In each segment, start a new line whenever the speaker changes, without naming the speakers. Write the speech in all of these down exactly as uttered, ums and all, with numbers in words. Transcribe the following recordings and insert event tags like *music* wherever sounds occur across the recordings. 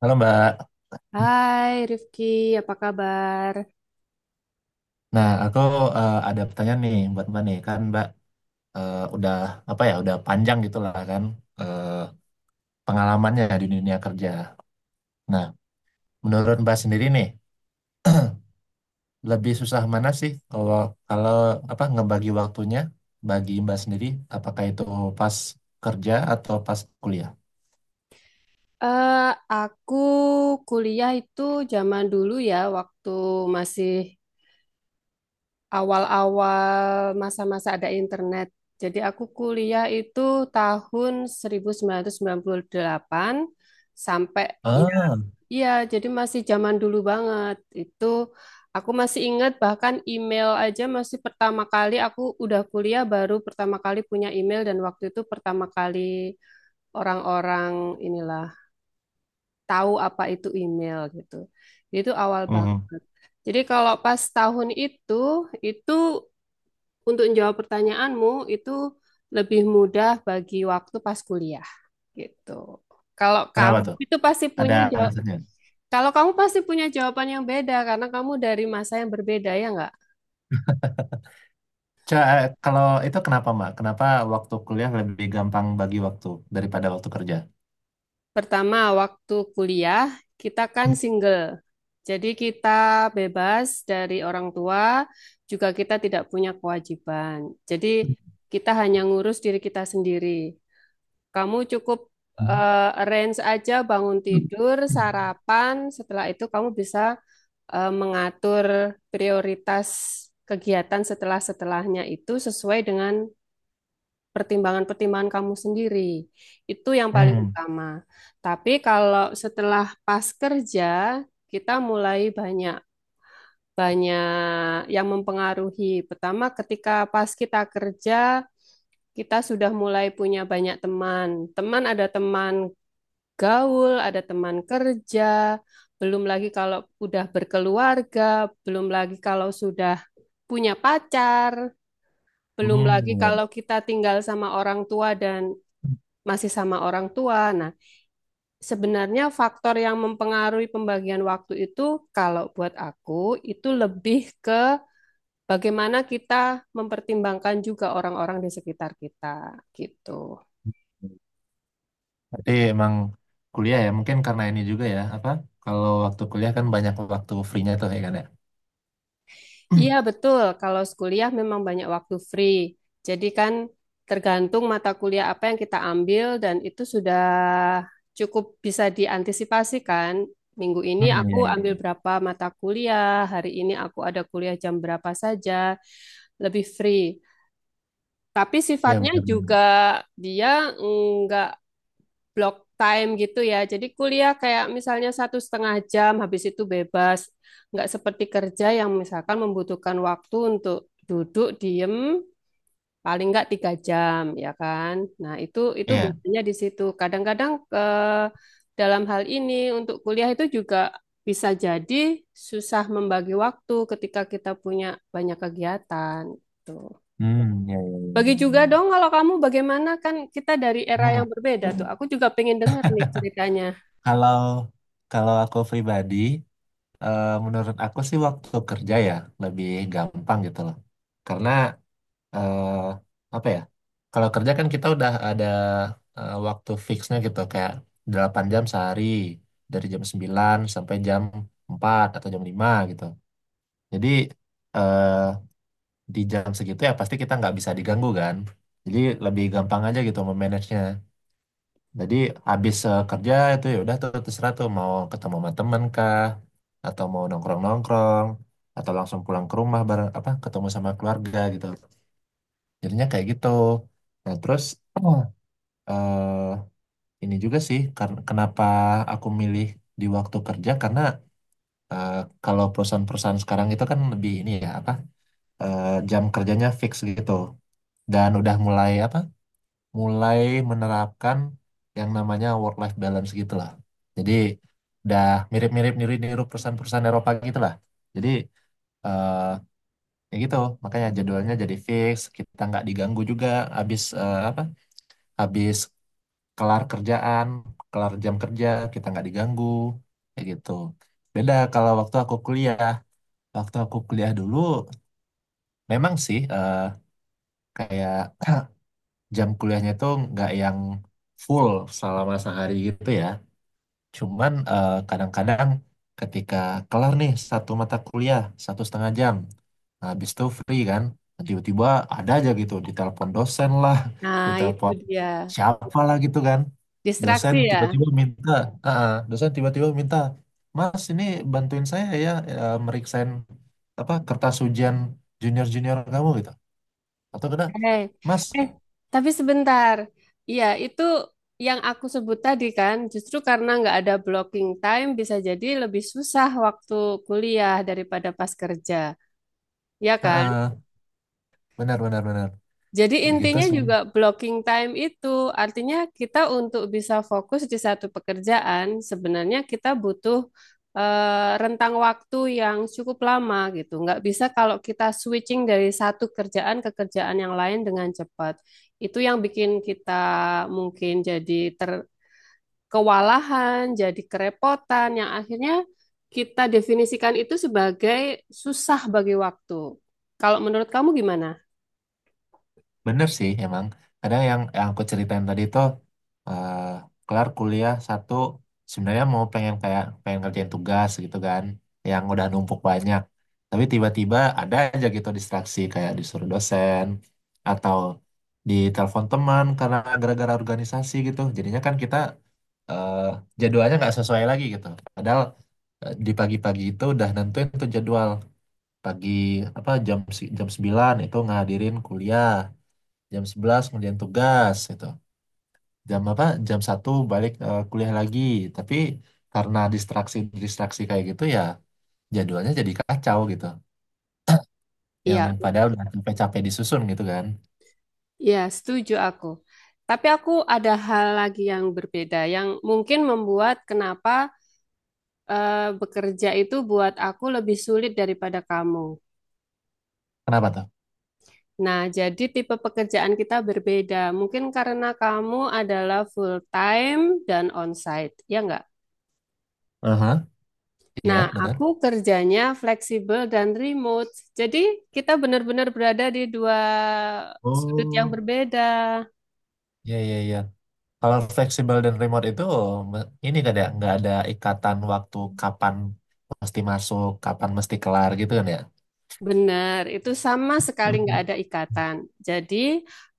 Halo Mbak.
Hai Rifki, apa kabar?
Nah, aku eh, ada pertanyaan nih buat Mbak nih. Kan Mbak eh, udah apa ya, udah panjang gitu lah kan eh, pengalamannya di dunia kerja. Nah, menurut Mbak sendiri nih, *clears throat* lebih susah mana sih kalau kalau apa ngebagi waktunya bagi Mbak sendiri, apakah itu pas kerja atau pas kuliah?
Eh, aku kuliah itu zaman dulu ya, waktu masih awal-awal masa-masa ada internet. Jadi aku kuliah itu tahun seribu sembilan sembilan ratus sembilan puluh delapan sampai ya,
Ah.
iya, jadi masih zaman dulu banget. Itu aku masih ingat bahkan email aja masih pertama kali aku udah kuliah baru pertama kali punya email dan waktu itu pertama kali orang-orang inilah tahu apa itu email gitu. Jadi itu awal
Mhm.
banget. Jadi kalau pas tahun itu, itu untuk menjawab pertanyaanmu itu lebih mudah bagi waktu pas kuliah gitu. Kalau
Kenapa
kamu
mm. tuh?
itu pasti
Ada
punya jawab,
alasannya?
kalau kamu pasti punya jawaban yang beda karena kamu dari masa yang berbeda ya nggak?
Ca- eh, kalau itu kenapa Mbak? Kenapa waktu kuliah lebih gampang bagi waktu daripada waktu kerja?
Pertama, waktu kuliah kita kan single. Jadi kita bebas dari orang tua, juga kita tidak punya kewajiban. Jadi kita hanya ngurus diri kita sendiri. Kamu cukup
Hmm.
eh, arrange aja bangun tidur, sarapan, setelah itu kamu bisa eh, mengatur prioritas kegiatan setelah-setelahnya itu sesuai dengan pertimbangan-pertimbangan kamu sendiri. Itu yang paling
Hmm.
utama. Tapi kalau setelah pas kerja, kita mulai banyak banyak yang mempengaruhi. Pertama, ketika pas kita kerja, kita sudah mulai punya banyak teman. Teman ada teman gaul, ada teman kerja, belum lagi kalau udah berkeluarga, belum lagi kalau sudah punya pacar, belum lagi kalau kita tinggal sama orang tua dan masih sama orang tua. Nah, sebenarnya faktor yang mempengaruhi pembagian waktu itu, kalau buat aku, itu lebih ke bagaimana kita mempertimbangkan juga orang-orang di sekitar kita, gitu.
Berarti emang kuliah ya, mungkin karena ini juga ya, apa? Kalau waktu kuliah kan banyak waktu free-nya tuh ya kan ya.
Iya,
*clears throat*
betul. Kalau kuliah memang banyak waktu free. Jadi kan tergantung mata kuliah apa yang kita ambil dan itu sudah cukup bisa diantisipasi kan. Minggu ini
Hmm, iya,
aku ambil
iya.
berapa mata kuliah, hari ini aku ada kuliah jam berapa saja, lebih free. Tapi
Iya,
sifatnya juga
benar-benar.
dia enggak block time gitu ya. Jadi kuliah kayak misalnya satu setengah jam, habis itu bebas. Nggak seperti kerja yang misalkan membutuhkan waktu untuk duduk, diem, paling nggak tiga jam, ya kan? Nah, itu itu
Iya.
bedanya di situ. Kadang-kadang eh, dalam hal ini untuk kuliah itu juga bisa jadi susah membagi waktu ketika kita punya banyak kegiatan. Tuh.
Hmm, iya, iya, iya,
Bagi
iya,
juga
iya.
dong kalau kamu bagaimana kan kita dari era
Hmm,
yang berbeda tuh. Aku juga pengen dengar nih ceritanya.
kalau kalau aku pribadi, eh, menurut aku sih waktu kerja ya lebih gampang gitu loh. Karena eh, apa ya? Kalau kerja kan kita udah ada eh, waktu fixnya gitu kayak delapan jam sehari dari jam sembilan sampai jam empat atau jam lima gitu. Jadi eh, di jam segitu ya pasti kita nggak bisa diganggu kan. Jadi lebih gampang aja gitu memanagenya. Jadi habis eh, kerja itu ya udah tuh terserah tuh mau ketemu sama temen kah atau mau nongkrong-nongkrong atau langsung pulang ke rumah bareng apa ketemu sama keluarga gitu. Jadinya kayak gitu. Nah, terus *clears throat* oh, eh ini juga sih kar- kenapa aku milih di waktu kerja karena eh, kalau perusahaan-perusahaan sekarang itu kan lebih ini ya apa eh, jam kerjanya fix gitu dan udah mulai apa mulai menerapkan yang namanya work life balance gitu lah. Jadi udah mirip-mirip niru-niru perusahaan-perusahaan Eropa gitu lah. Jadi eh ya gitu makanya jadwalnya jadi fix kita nggak diganggu juga habis eh, apa habis kelar kerjaan, kelar jam kerja, kita nggak diganggu, kayak gitu. Beda kalau waktu aku kuliah, waktu aku kuliah dulu, memang sih eh, kayak *clears throat* jam kuliahnya tuh nggak yang full selama sehari gitu ya. Cuman eh, kadang-kadang ketika kelar nih satu mata kuliah, satu setengah jam. Nah, habis itu free kan. Nah, tiba-tiba ada aja gitu, ditelepon dosen lah,
Nah, itu
ditelepon
dia.
siapa lah gitu kan. Dosen
Distraksi ya.
tiba-tiba minta, ah, ah, dosen tiba-tiba minta, Mas ini bantuin saya ya, eh, meriksain apa kertas ujian junior-junior kamu gitu. Atau kena,
Eh,
Mas,
eh, tapi sebentar. Iya, itu yang aku sebut tadi kan, justru karena nggak ada blocking time bisa jadi lebih susah waktu kuliah daripada pas kerja. Ya kan?
benar-benar benar. Benar, benar.
Jadi
Ya gitu
intinya
sih.
juga blocking time itu artinya kita untuk bisa fokus di satu pekerjaan sebenarnya kita butuh eh, rentang waktu yang cukup lama gitu. Nggak bisa kalau kita switching dari satu kerjaan ke kerjaan yang lain dengan cepat. Itu yang bikin kita mungkin jadi ter kewalahan, jadi kerepotan yang akhirnya kita definisikan itu sebagai susah bagi waktu. Kalau menurut kamu gimana?
Bener sih emang. Kadang yang, yang aku ceritain tadi tuh eh, kelar kuliah satu sebenarnya mau pengen kayak pengen kerjain tugas gitu kan yang udah numpuk banyak. Tapi tiba-tiba ada aja gitu distraksi kayak disuruh dosen atau ditelepon teman karena gara-gara organisasi gitu. Jadinya kan kita eh, jadwalnya nggak sesuai lagi gitu. Padahal eh, di pagi-pagi itu udah nentuin tuh jadwal pagi apa jam se- jam sembilan itu ngadirin kuliah jam sebelas kemudian tugas gitu jam apa jam satu balik eh, kuliah lagi tapi karena distraksi distraksi kayak gitu ya jadwalnya jadi kacau gitu yang
Iya,
padahal udah capek-capek disusun gitu kan.
ya, setuju aku. Tapi aku ada hal lagi yang berbeda, yang mungkin membuat kenapa eh, bekerja itu buat aku lebih sulit daripada kamu.
Kenapa tuh?
Nah, jadi tipe pekerjaan kita berbeda. Mungkin karena kamu adalah full time dan onsite, ya nggak?
Aha, iya,
Nah,
benar.
aku kerjanya fleksibel dan remote. Jadi kita benar-benar berada di dua sudut yang
Oh,
berbeda.
iya, iya, iya. Kalau fleksibel dan remote itu me- ini kan ya nggak ada ikatan waktu kapan mesti masuk kapan mesti kelar gitu kan ya.
Benar, itu sama sekali nggak
Mhm.
ada ikatan. Jadi,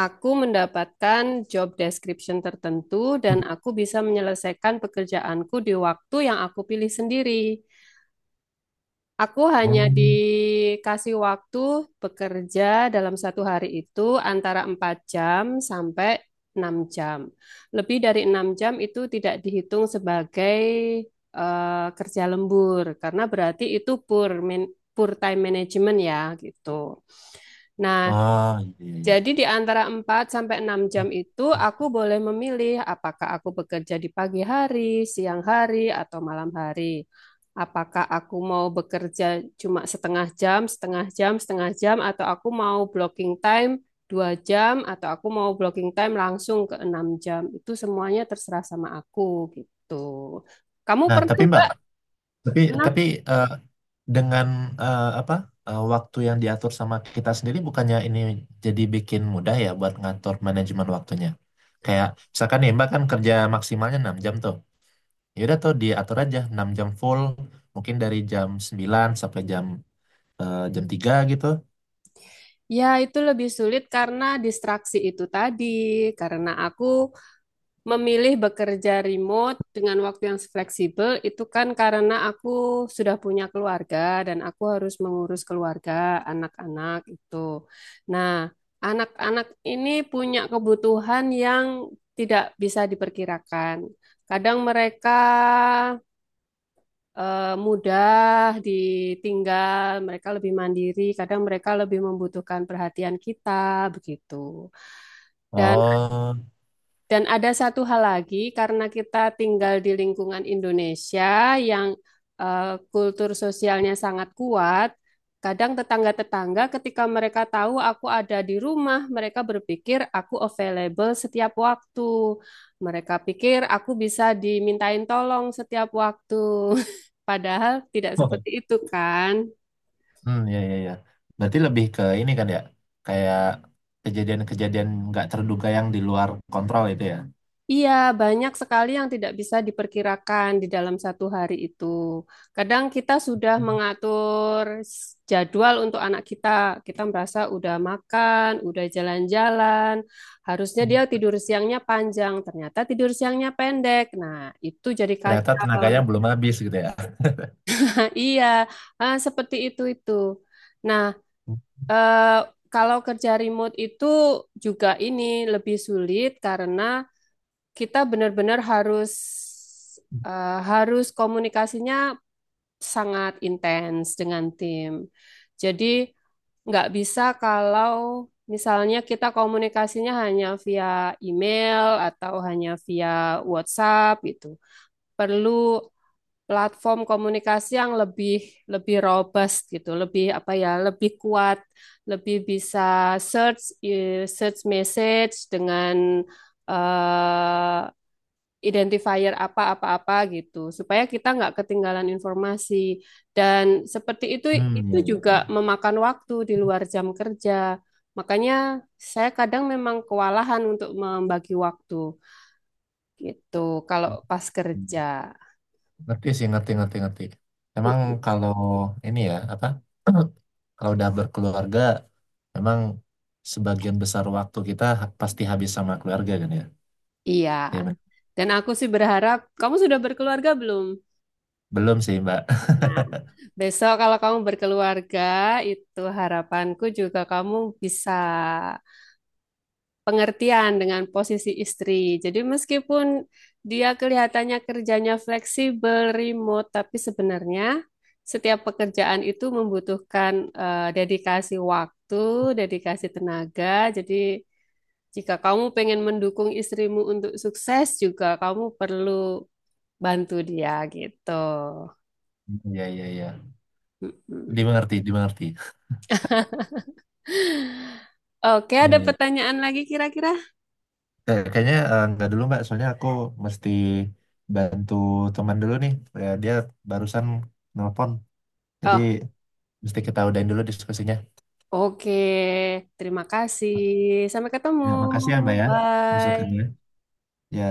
aku mendapatkan job description tertentu dan aku bisa menyelesaikan pekerjaanku di waktu yang aku pilih sendiri. Aku hanya
Hmm.
dikasih waktu bekerja dalam satu hari itu antara empat jam sampai enam jam. Lebih dari enam jam itu tidak dihitung sebagai eh, kerja lembur, karena berarti itu poor, man- poor time management ya gitu. Nah,
Ah, iya, iya.
jadi di antara empat sampai enam jam itu aku boleh memilih apakah aku bekerja di pagi hari, siang hari, atau malam hari. Apakah aku mau bekerja cuma setengah jam, setengah jam, setengah jam, atau aku mau blocking time dua jam, atau aku mau blocking time langsung ke enam jam. Itu semuanya terserah sama aku gitu. Kamu
Nah,
pernah
tapi Mbak,
nggak?
tapi
Pernah.
tapi eh, dengan eh, apa eh, waktu yang diatur sama kita sendiri bukannya ini jadi bikin mudah ya buat ngatur manajemen waktunya kayak misalkan nih mbak kan kerja maksimalnya enam jam tuh ya udah tuh diatur aja enam jam full mungkin dari jam sembilan sampai jam eh, jam tiga gitu.
Ya, itu lebih sulit karena distraksi itu tadi. Karena aku memilih bekerja remote dengan waktu yang fleksibel itu kan karena aku sudah punya keluarga dan aku harus mengurus keluarga, anak-anak itu. Nah, anak-anak ini punya kebutuhan yang tidak bisa diperkirakan. Kadang mereka eh, mudah ditinggal, mereka lebih mandiri, kadang mereka lebih membutuhkan perhatian kita, begitu. Dan
Oh.
dan ada satu hal lagi, karena kita tinggal di lingkungan Indonesia yang eh, kultur sosialnya sangat kuat, kadang tetangga-tetangga ketika mereka tahu aku ada di rumah, mereka berpikir aku available setiap waktu. Mereka pikir aku bisa dimintain tolong setiap waktu. *laughs* Padahal tidak seperti
*laughs*
itu kan?
Hmm, ya, ya, ya, berarti lebih ke ini kan ya kayak kejadian-kejadian nggak terduga yang di luar kontrol itu ya.
Iya, banyak sekali yang tidak bisa diperkirakan di dalam satu hari itu. Kadang kita sudah mengatur s- jadwal untuk anak kita. Kita merasa udah makan, udah jalan-jalan. Harusnya dia tidur siangnya panjang, ternyata tidur siangnya pendek. Nah, itu jadi
Ternyata
kacau.
tenaganya belum habis gitu ya.
Nah, iya, ah, seperti itu itu. Nah, eh, kalau kerja remote itu juga ini lebih sulit karena kita benar-benar harus
*laughs*
eh, harus komunikasinya sangat intens dengan tim. Jadi nggak bisa kalau misalnya kita komunikasinya hanya via email atau hanya via WhatsApp gitu. Perlu platform komunikasi yang lebih lebih robust gitu, lebih apa ya, lebih kuat, lebih bisa search eh, search message dengan eh, identifier apa-apa-apa gitu, supaya kita nggak ketinggalan informasi. Dan seperti itu,
Hmm,
itu
ya, ya,
juga
ya.
memakan waktu di luar jam kerja. Makanya saya kadang memang kewalahan untuk membagi waktu gitu kalau pas kerja.
Hmm. Ngerti sih, ngerti, ngerti, ngerti. Emang kalau ini ya, apa? Kalau udah berkeluarga, memang sebagian besar waktu kita ha- pasti habis sama keluarga kan ya?
Iya.
Ya, men-
Dan aku sih berharap kamu sudah berkeluarga belum?
Belum sih, Mbak.
Nah,
*laughs*
besok kalau kamu berkeluarga, itu harapanku juga kamu bisa pengertian dengan posisi istri. Jadi meskipun dia kelihatannya kerjanya fleksibel, remote, tapi sebenarnya setiap pekerjaan itu membutuhkan eh, dedikasi waktu, dedikasi tenaga. Jadi jika kamu pengen mendukung istrimu untuk sukses juga kamu perlu bantu dia gitu.
Ya, ya, ya.
Mm-mm.
Dimengerti, dimengerti.
Oke,
Ya,
ada
iya.
pertanyaan lagi kira-kira?
Kayak- kayaknya eh, nggak dulu, Mbak. Soalnya aku mesti bantu teman dulu nih. Ya, dia barusan nelpon. Jadi,
Oh,
mesti kita udahin dulu diskusinya.
oke. Terima kasih. Sampai ketemu.
Ya, makasih ya, Mbak ya. Besokannya.
Bye.
Ya.